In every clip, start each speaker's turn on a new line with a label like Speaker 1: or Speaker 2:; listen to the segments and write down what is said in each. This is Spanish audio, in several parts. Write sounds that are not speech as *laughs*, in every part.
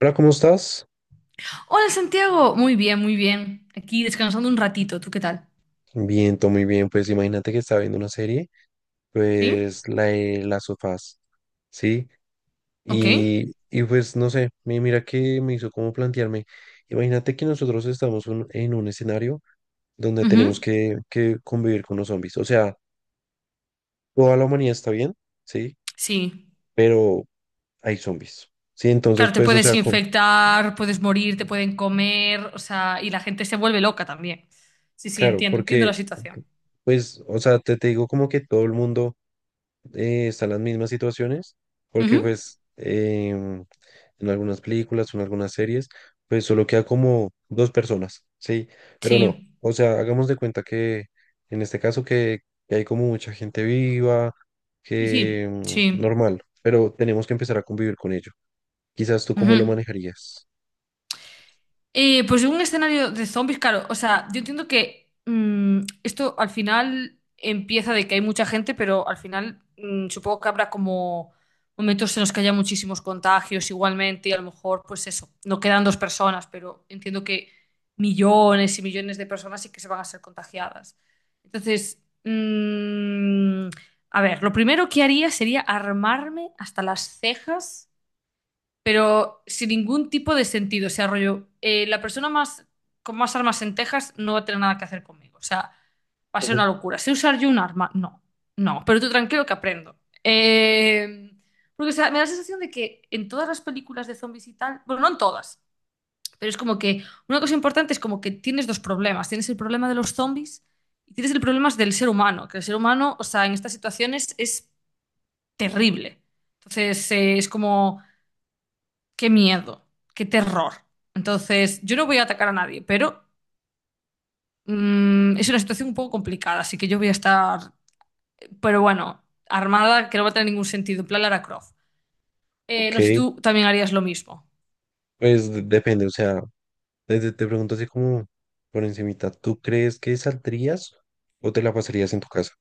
Speaker 1: Hola, ¿cómo estás?
Speaker 2: Hola Santiago, muy bien, muy bien. Aquí descansando un ratito, ¿tú qué tal?
Speaker 1: Bien, todo muy bien. Pues imagínate que estaba viendo una serie,
Speaker 2: ¿Sí?
Speaker 1: pues la de Las sofás, ¿sí?
Speaker 2: ¿Ok?
Speaker 1: Y pues no sé, mira que me hizo como plantearme. Imagínate que nosotros estamos en un escenario donde tenemos
Speaker 2: Ujú.
Speaker 1: que convivir con los zombies. O sea, toda la humanidad está bien, ¿sí?
Speaker 2: Sí.
Speaker 1: Pero hay zombies, ¿sí? Entonces,
Speaker 2: Claro, te
Speaker 1: pues, o
Speaker 2: puedes
Speaker 1: sea,
Speaker 2: infectar, puedes morir, te pueden comer, o sea, y la gente se vuelve loca también. Sí, sí,
Speaker 1: claro,
Speaker 2: entiendo, entiendo
Speaker 1: porque,
Speaker 2: la situación.
Speaker 1: pues, o sea, te digo como que todo el mundo están las mismas situaciones, porque
Speaker 2: Ujú.
Speaker 1: pues en algunas películas o en algunas series, pues solo queda como dos personas, ¿sí? Pero no,
Speaker 2: Sí,
Speaker 1: o sea, hagamos de cuenta que en este caso que hay como mucha gente viva,
Speaker 2: sí,
Speaker 1: que
Speaker 2: sí, sí.
Speaker 1: normal, pero tenemos que empezar a convivir con ello. Quizás tú cómo
Speaker 2: Ujú.
Speaker 1: lo manejarías.
Speaker 2: Pues un escenario de zombies, claro. O sea, yo entiendo que esto al final empieza de que hay mucha gente, pero al final supongo que habrá como momentos en los que haya muchísimos contagios igualmente y a lo mejor, pues eso, no quedan dos personas, pero entiendo que millones y millones de personas sí que se van a ser contagiadas. Entonces, a ver, lo primero que haría sería armarme hasta las cejas pero sin ningún tipo de sentido. O sea, rollo, la persona más, con más armas en Texas no va a tener nada que hacer conmigo. O sea, va a ser una
Speaker 1: Ujú.
Speaker 2: locura. ¿Sé usar yo un arma? No, no, pero tú tranquilo que aprendo. Eh, Porque, o sea, me da la sensación de que en todas las películas de zombies y tal, bueno, no en todas, pero es como que una cosa importante es como que tienes dos problemas. Tienes el problema de los zombies y tienes el problema del ser humano, que el ser humano, o sea, en estas situaciones es terrible. Entonces, es como qué miedo, qué terror. Entonces, yo no voy a atacar a nadie, pero es una situación un poco complicada, así que yo voy a estar, pero bueno, armada, que no va a tener ningún sentido, en plan Lara Croft.
Speaker 1: Ok,
Speaker 2: No sé si tú también harías lo mismo.
Speaker 1: pues depende, o sea, desde te pregunto así como por encimita, ¿tú crees que saldrías o te la pasarías en tu casa?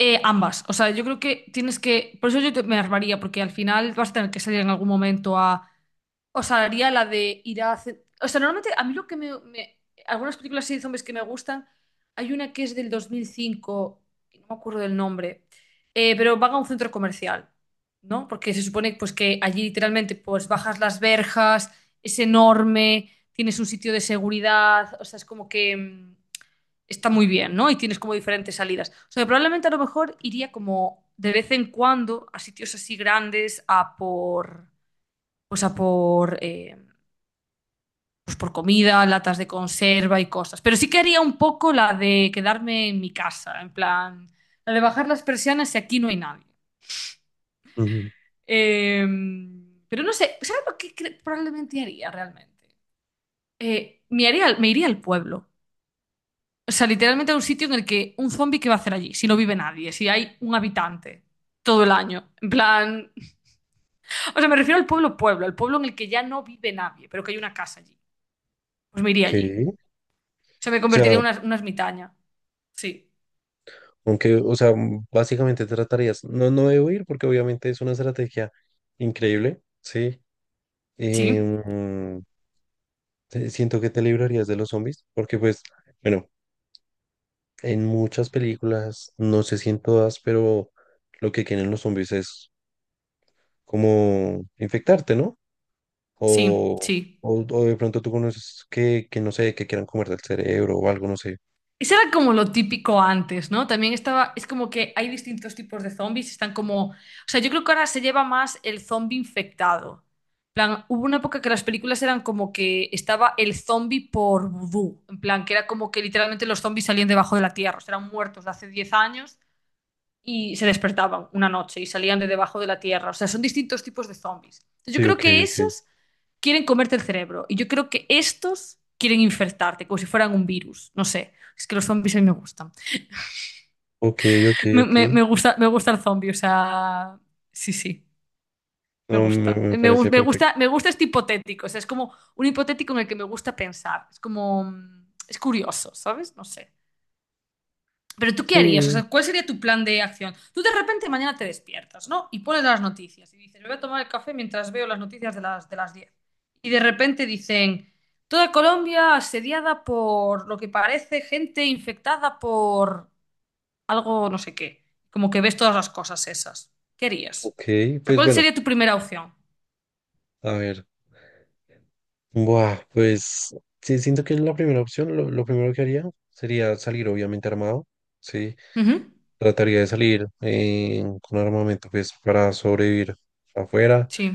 Speaker 2: Ambas, o sea, yo creo que tienes que, por eso yo me armaría, porque al final vas a tener que salir en algún momento a O sea, haría la de ir a... O sea, normalmente a mí lo que me... me- Algunas películas así de zombies que me gustan, hay una que es del 2005, que no me acuerdo del nombre, pero van a un centro comercial, ¿no? Porque se supone pues, que allí literalmente pues bajas las verjas, es enorme, tienes un sitio de seguridad, o sea, es como que está muy bien, ¿no? Y tienes como diferentes salidas. O sea, probablemente a lo mejor iría como de vez en cuando a sitios así grandes a por pues por comida, latas de conserva y cosas. Pero sí que haría un poco la de quedarme en mi casa, en plan, la de bajar las persianas si aquí no hay nadie.
Speaker 1: Ujú.
Speaker 2: Eh, pero no sé, ¿sabes lo que probablemente haría realmente? Me haría, me iría al pueblo. O sea, literalmente a un sitio en el que un zombie, ¿qué va a hacer allí? Si no vive nadie, si hay un habitante todo el año. En plan, o sea, me refiero al pueblo pueblo, al pueblo en el que ya no vive nadie, pero que hay una casa allí. Pues me iría
Speaker 1: Ok.
Speaker 2: allí. O sea, me
Speaker 1: O
Speaker 2: convertiría
Speaker 1: sea,
Speaker 2: en una ermitaña. Sí.
Speaker 1: aunque, o sea, básicamente tratarías, no, no debo ir porque obviamente es una estrategia increíble, ¿sí?
Speaker 2: Sí,
Speaker 1: Em, siento que te librarías de los zombies, porque pues, bueno, en muchas películas, no sé si en todas, pero lo que quieren los zombies es como infectarte, ¿no?
Speaker 2: sí,
Speaker 1: O,
Speaker 2: sí.
Speaker 1: o de pronto tú conoces que no sé, que quieran comerte el cerebro o algo, no sé.
Speaker 2: Eso era como lo típico antes, ¿no? También estaba, es como que hay distintos tipos de zombies, están como, o sea, yo creo que ahora se lleva más el zombie infectado. En plan, hubo una época que las películas eran como que estaba el zombie por vudú, en plan, que era como que literalmente los zombies salían debajo de la tierra, o sea, eran muertos de hace 10 años y se despertaban una noche y salían de debajo de la tierra, o sea, son distintos tipos de zombies. Yo
Speaker 1: Sí,
Speaker 2: creo
Speaker 1: ok,
Speaker 2: que
Speaker 1: ok.
Speaker 2: esos quieren comerte el cerebro. Y yo creo que estos quieren infectarte, como si fueran un virus. No sé, es que los zombies a mí me gustan.
Speaker 1: Ok, ok, ok.
Speaker 2: Me gusta, me gusta el zombie, o sea, sí, sí, me
Speaker 1: No,
Speaker 2: gusta.
Speaker 1: me parece
Speaker 2: Me
Speaker 1: perfecto.
Speaker 2: gusta, me gusta este hipotético, o sea, es como un hipotético en el que me gusta pensar. Es como, es curioso, ¿sabes? No sé. Pero tú qué harías, o
Speaker 1: Sí,
Speaker 2: sea, ¿cuál sería tu plan de acción? Tú de repente mañana te despiertas, ¿no? Y pones las noticias y dices, "Me voy a tomar el café mientras veo las noticias de las, 10. Y de repente dicen, toda Colombia asediada por lo que parece gente infectada por algo no sé qué. Como que ves todas las cosas esas. ¿Qué harías?
Speaker 1: ok,
Speaker 2: O sea,
Speaker 1: pues
Speaker 2: ¿cuál
Speaker 1: bueno,
Speaker 2: sería tu primera opción?
Speaker 1: a ver. Buah, pues sí, siento que la primera opción, lo primero que haría sería salir obviamente armado, ¿sí?
Speaker 2: Ujú,
Speaker 1: Trataría de salir con armamento pues para sobrevivir afuera
Speaker 2: Sí,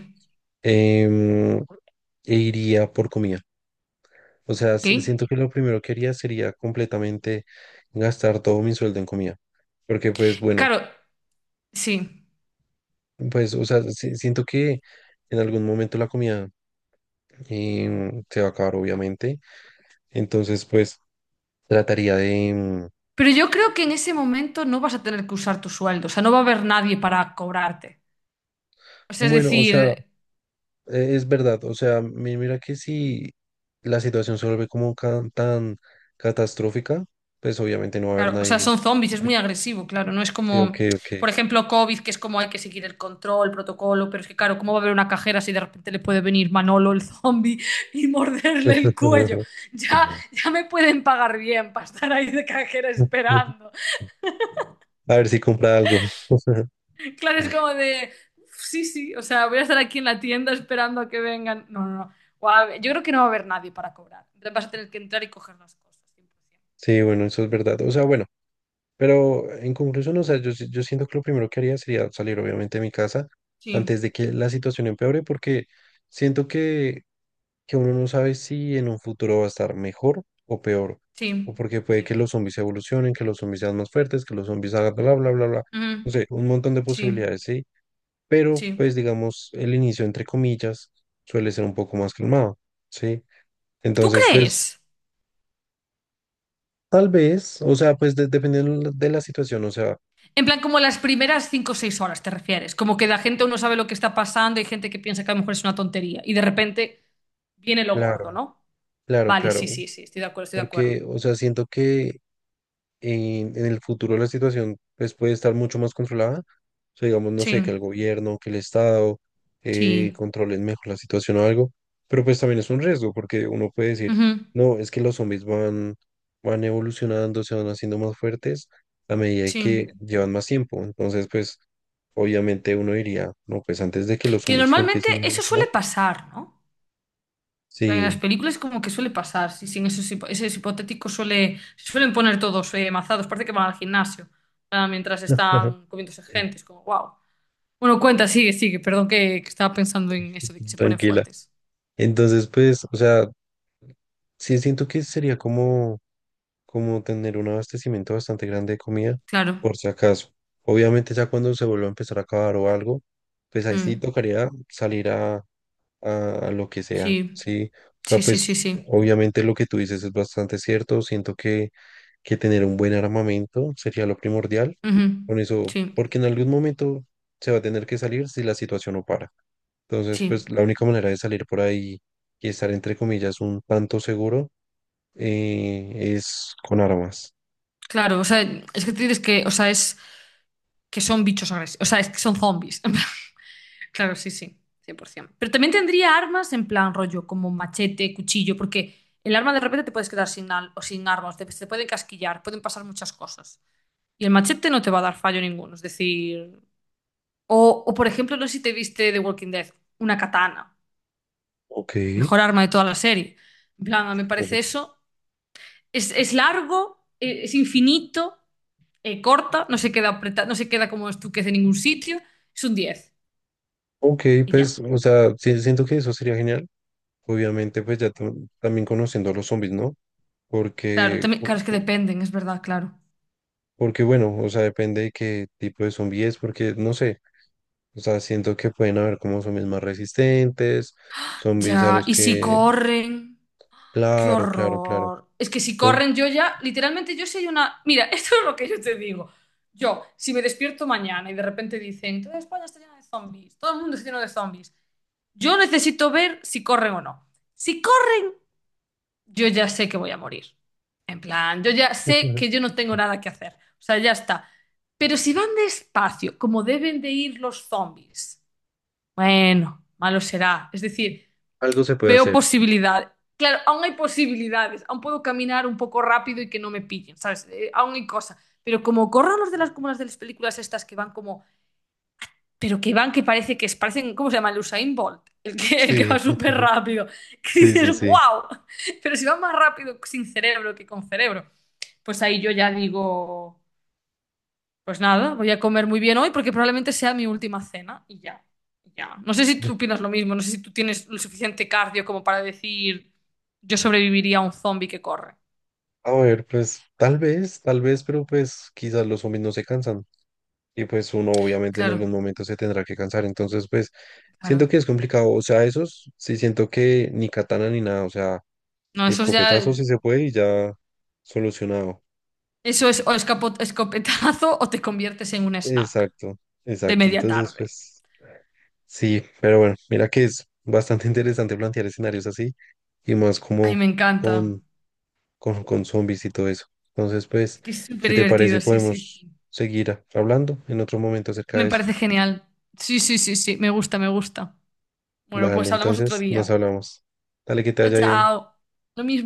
Speaker 1: em, e iría por comida. O sea,
Speaker 2: ok.
Speaker 1: siento que lo primero que haría sería completamente gastar todo mi sueldo en comida. Porque pues bueno,
Speaker 2: Claro, sí.
Speaker 1: pues o sea, siento que en algún momento la comida se va a acabar obviamente. Entonces, pues... Trataría de,
Speaker 2: Pero yo creo que en ese momento no vas a tener que usar tu sueldo, o sea, no va a haber nadie para cobrarte. O sea, es
Speaker 1: bueno, o sea,
Speaker 2: decir,
Speaker 1: es verdad, o sea, mira que si la situación se vuelve como tan catastrófica, pues obviamente no va a haber
Speaker 2: claro, o sea,
Speaker 1: nadie.
Speaker 2: son zombies, es muy agresivo, claro. No es
Speaker 1: Sí, ok,
Speaker 2: como,
Speaker 1: ok.
Speaker 2: por ejemplo, COVID, que es como hay que seguir el control, el protocolo, pero es que, claro, ¿cómo va a haber una cajera si de repente le puede venir Manolo el zombie y morderle el cuello?
Speaker 1: *laughs*
Speaker 2: Ya, ya me pueden pagar bien para estar ahí de cajera esperando.
Speaker 1: A ver si compra algo. *laughs*
Speaker 2: Claro, es como de, sí, sí, o sea, voy a estar aquí en la tienda esperando a que vengan. No, no, no. Guau, yo creo que no va a haber nadie para cobrar. Entonces vas a tener que entrar y coger las cosas, 100%.
Speaker 1: Sí, bueno, eso es verdad. O sea, bueno, pero en conclusión, o sea, yo, yo siento que lo primero que haría sería salir obviamente de mi casa antes
Speaker 2: Sí,
Speaker 1: de que la situación empeore, porque siento que uno no sabe si en un futuro va a estar mejor o peor, o
Speaker 2: sí,
Speaker 1: porque puede que
Speaker 2: sí.
Speaker 1: los zombies evolucionen, que los zombies sean más fuertes, que los zombies hagan bla, bla, bla, bla.
Speaker 2: Ujú.
Speaker 1: No sé, un montón de
Speaker 2: Sí,
Speaker 1: posibilidades, sí, pero
Speaker 2: sí.
Speaker 1: pues digamos, el inicio, entre comillas, suele ser un poco más calmado, ¿sí?
Speaker 2: ¿Tú
Speaker 1: Entonces, pues,
Speaker 2: crees?
Speaker 1: tal vez, o sea, pues dependiendo de la situación, o sea,
Speaker 2: En plan, como las primeras 5 o 6 horas te refieres. Como que la gente uno sabe lo que está pasando, hay gente que piensa que a lo mejor es una tontería y de repente viene lo
Speaker 1: claro,
Speaker 2: gordo, ¿no?
Speaker 1: claro,
Speaker 2: Vale, sí,
Speaker 1: claro,
Speaker 2: sí, sí, estoy de acuerdo, estoy de acuerdo.
Speaker 1: porque, o sea, siento que en el futuro la situación pues, puede estar mucho más controlada. O sea, digamos, no
Speaker 2: Sí,
Speaker 1: sé, que el gobierno, que el Estado
Speaker 2: sí,
Speaker 1: controlen mejor la situación o algo, pero pues también es un riesgo porque uno puede decir,
Speaker 2: ujú,
Speaker 1: no, es que los zombies van, van evolucionando, se van haciendo más fuertes a medida de
Speaker 2: sí.
Speaker 1: que llevan más tiempo. Entonces, pues, obviamente uno diría, no, pues antes de que los
Speaker 2: Que
Speaker 1: zombies
Speaker 2: normalmente
Speaker 1: empiecen a
Speaker 2: eso
Speaker 1: evolucionar,
Speaker 2: suele pasar, ¿no? En las
Speaker 1: sí.
Speaker 2: películas como que suele pasar, sí, sí, en esos, esos hipotéticos suele, se suelen poner todos mazados, parece que van al gimnasio, ah, mientras están
Speaker 1: *laughs*
Speaker 2: comiéndose gente, es como, wow. Bueno, cuenta, sigue, sigue. Perdón que estaba pensando en eso de que se ponen
Speaker 1: Tranquila.
Speaker 2: fuertes.
Speaker 1: Entonces, pues, o sea, sí siento que sería como tener un abastecimiento bastante grande de comida,
Speaker 2: Claro.
Speaker 1: por si acaso. Obviamente ya cuando se vuelva a empezar a acabar o algo, pues ahí sí
Speaker 2: Mm.
Speaker 1: tocaría salir a, a lo que sea,
Speaker 2: Sí,
Speaker 1: ¿sí? O sea,
Speaker 2: sí, sí, sí,
Speaker 1: pues
Speaker 2: sí.
Speaker 1: obviamente lo que tú dices es bastante cierto. Siento que tener un buen armamento sería lo primordial
Speaker 2: Ujú.
Speaker 1: con eso,
Speaker 2: Sí,
Speaker 1: porque en algún momento se va a tener que salir si la situación no para. Entonces,
Speaker 2: sí.
Speaker 1: pues la única manera de salir por ahí y estar entre comillas un tanto seguro es con armas.
Speaker 2: Claro, o sea, es que tienes que, o sea, es que son bichos agresivos, o sea, es que son zombies. *laughs* Claro, sí, sí, 100%. Pero también tendría armas en plan rollo, como machete, cuchillo, porque el arma de repente te puedes quedar sin, o sin armas, te pueden casquillar, pueden pasar muchas cosas. Y el machete no te va a dar fallo ninguno, es decir... O, o, por ejemplo, no sé si te viste The Walking Dead, una katana.
Speaker 1: Ok,
Speaker 2: Mejor arma de toda la serie. En plan, me
Speaker 1: ujú.
Speaker 2: parece eso. Es largo, es infinito, corta, no se queda como estuquez en ningún sitio. Es un 10
Speaker 1: Ok,
Speaker 2: Y ya.
Speaker 1: pues, o sea, sí, siento que eso sería genial. Obviamente, pues ya también conociendo a los zombies, ¿no?
Speaker 2: Claro,
Speaker 1: Porque,
Speaker 2: también, claro, es que dependen, es verdad, claro.
Speaker 1: porque bueno, o sea, depende de qué tipo de zombie es, porque no sé, o sea, siento que pueden haber como zombies más resistentes, zombies a
Speaker 2: Ya,
Speaker 1: los
Speaker 2: y si
Speaker 1: que,
Speaker 2: corren, qué
Speaker 1: claro, claro, claro.
Speaker 2: horror. Es que si
Speaker 1: Entonces,
Speaker 2: corren, yo ya, literalmente, yo soy una. Mira, *laughs* esto es lo que yo te digo. Yo, si me despierto mañana y de repente dicen, toda España está llena de zombies, todo el mundo está lleno de zombies, yo necesito ver si corren o no. Si corren, yo ya sé que voy a morir. En plan, yo ya sé que yo
Speaker 1: *laughs*
Speaker 2: no tengo nada que hacer. O sea, ya está. Pero si van despacio, como deben de ir los zombies, bueno, malo será. Es decir,
Speaker 1: algo se puede
Speaker 2: veo
Speaker 1: hacer.
Speaker 2: posibilidad. Claro, aún hay posibilidades. Aún puedo caminar un poco rápido y que no me pillen, ¿sabes? Aún hay cosas. Pero como corran los de las, como las de las películas estas que van como pero que van, que parece que es, parecen, ¿cómo se llama? El Usain Bolt, el que, *laughs* el que
Speaker 1: Sí,
Speaker 2: va súper
Speaker 1: *laughs*
Speaker 2: rápido. Que
Speaker 1: sí, sí,
Speaker 2: dices,
Speaker 1: sí.
Speaker 2: wow, pero si va más rápido sin cerebro que con cerebro. Pues ahí yo ya digo, pues nada, voy a comer muy bien hoy porque probablemente sea mi última cena y ya, y ya. No sé si tú opinas lo mismo, no sé si tú tienes lo suficiente cardio como para decir, yo sobreviviría a un zombie que corre.
Speaker 1: A ver, pues tal vez, pero pues quizás los zombies no se cansan. Y pues uno obviamente en algún
Speaker 2: Claro,
Speaker 1: momento se tendrá que cansar. Entonces, pues siento
Speaker 2: claro.
Speaker 1: que es complicado. O sea, esos sí siento que ni katana ni nada. O sea,
Speaker 2: No, eso es
Speaker 1: escopetazo
Speaker 2: ya,
Speaker 1: si se puede y ya solucionado.
Speaker 2: eso es o escopetazo o te conviertes en un snack
Speaker 1: Exacto,
Speaker 2: de
Speaker 1: exacto.
Speaker 2: media
Speaker 1: Entonces,
Speaker 2: tarde.
Speaker 1: pues sí, pero bueno, mira que es bastante *laughs* interesante plantear escenarios así y más
Speaker 2: Ay,
Speaker 1: como
Speaker 2: me encanta.
Speaker 1: con, con zombies y todo eso. Entonces,
Speaker 2: Es
Speaker 1: pues,
Speaker 2: que es súper
Speaker 1: si te parece,
Speaker 2: divertido, sí, sí,
Speaker 1: podemos
Speaker 2: sí.
Speaker 1: seguir hablando en otro momento acerca
Speaker 2: Me
Speaker 1: de esto.
Speaker 2: parece genial. Sí, sí, sí, sí, me gusta, me gusta. Bueno,
Speaker 1: Dale,
Speaker 2: pues hablamos otro
Speaker 1: entonces nos
Speaker 2: día.
Speaker 1: hablamos. Dale, que te
Speaker 2: Chao,
Speaker 1: vaya bien.
Speaker 2: chao. Lo mismo.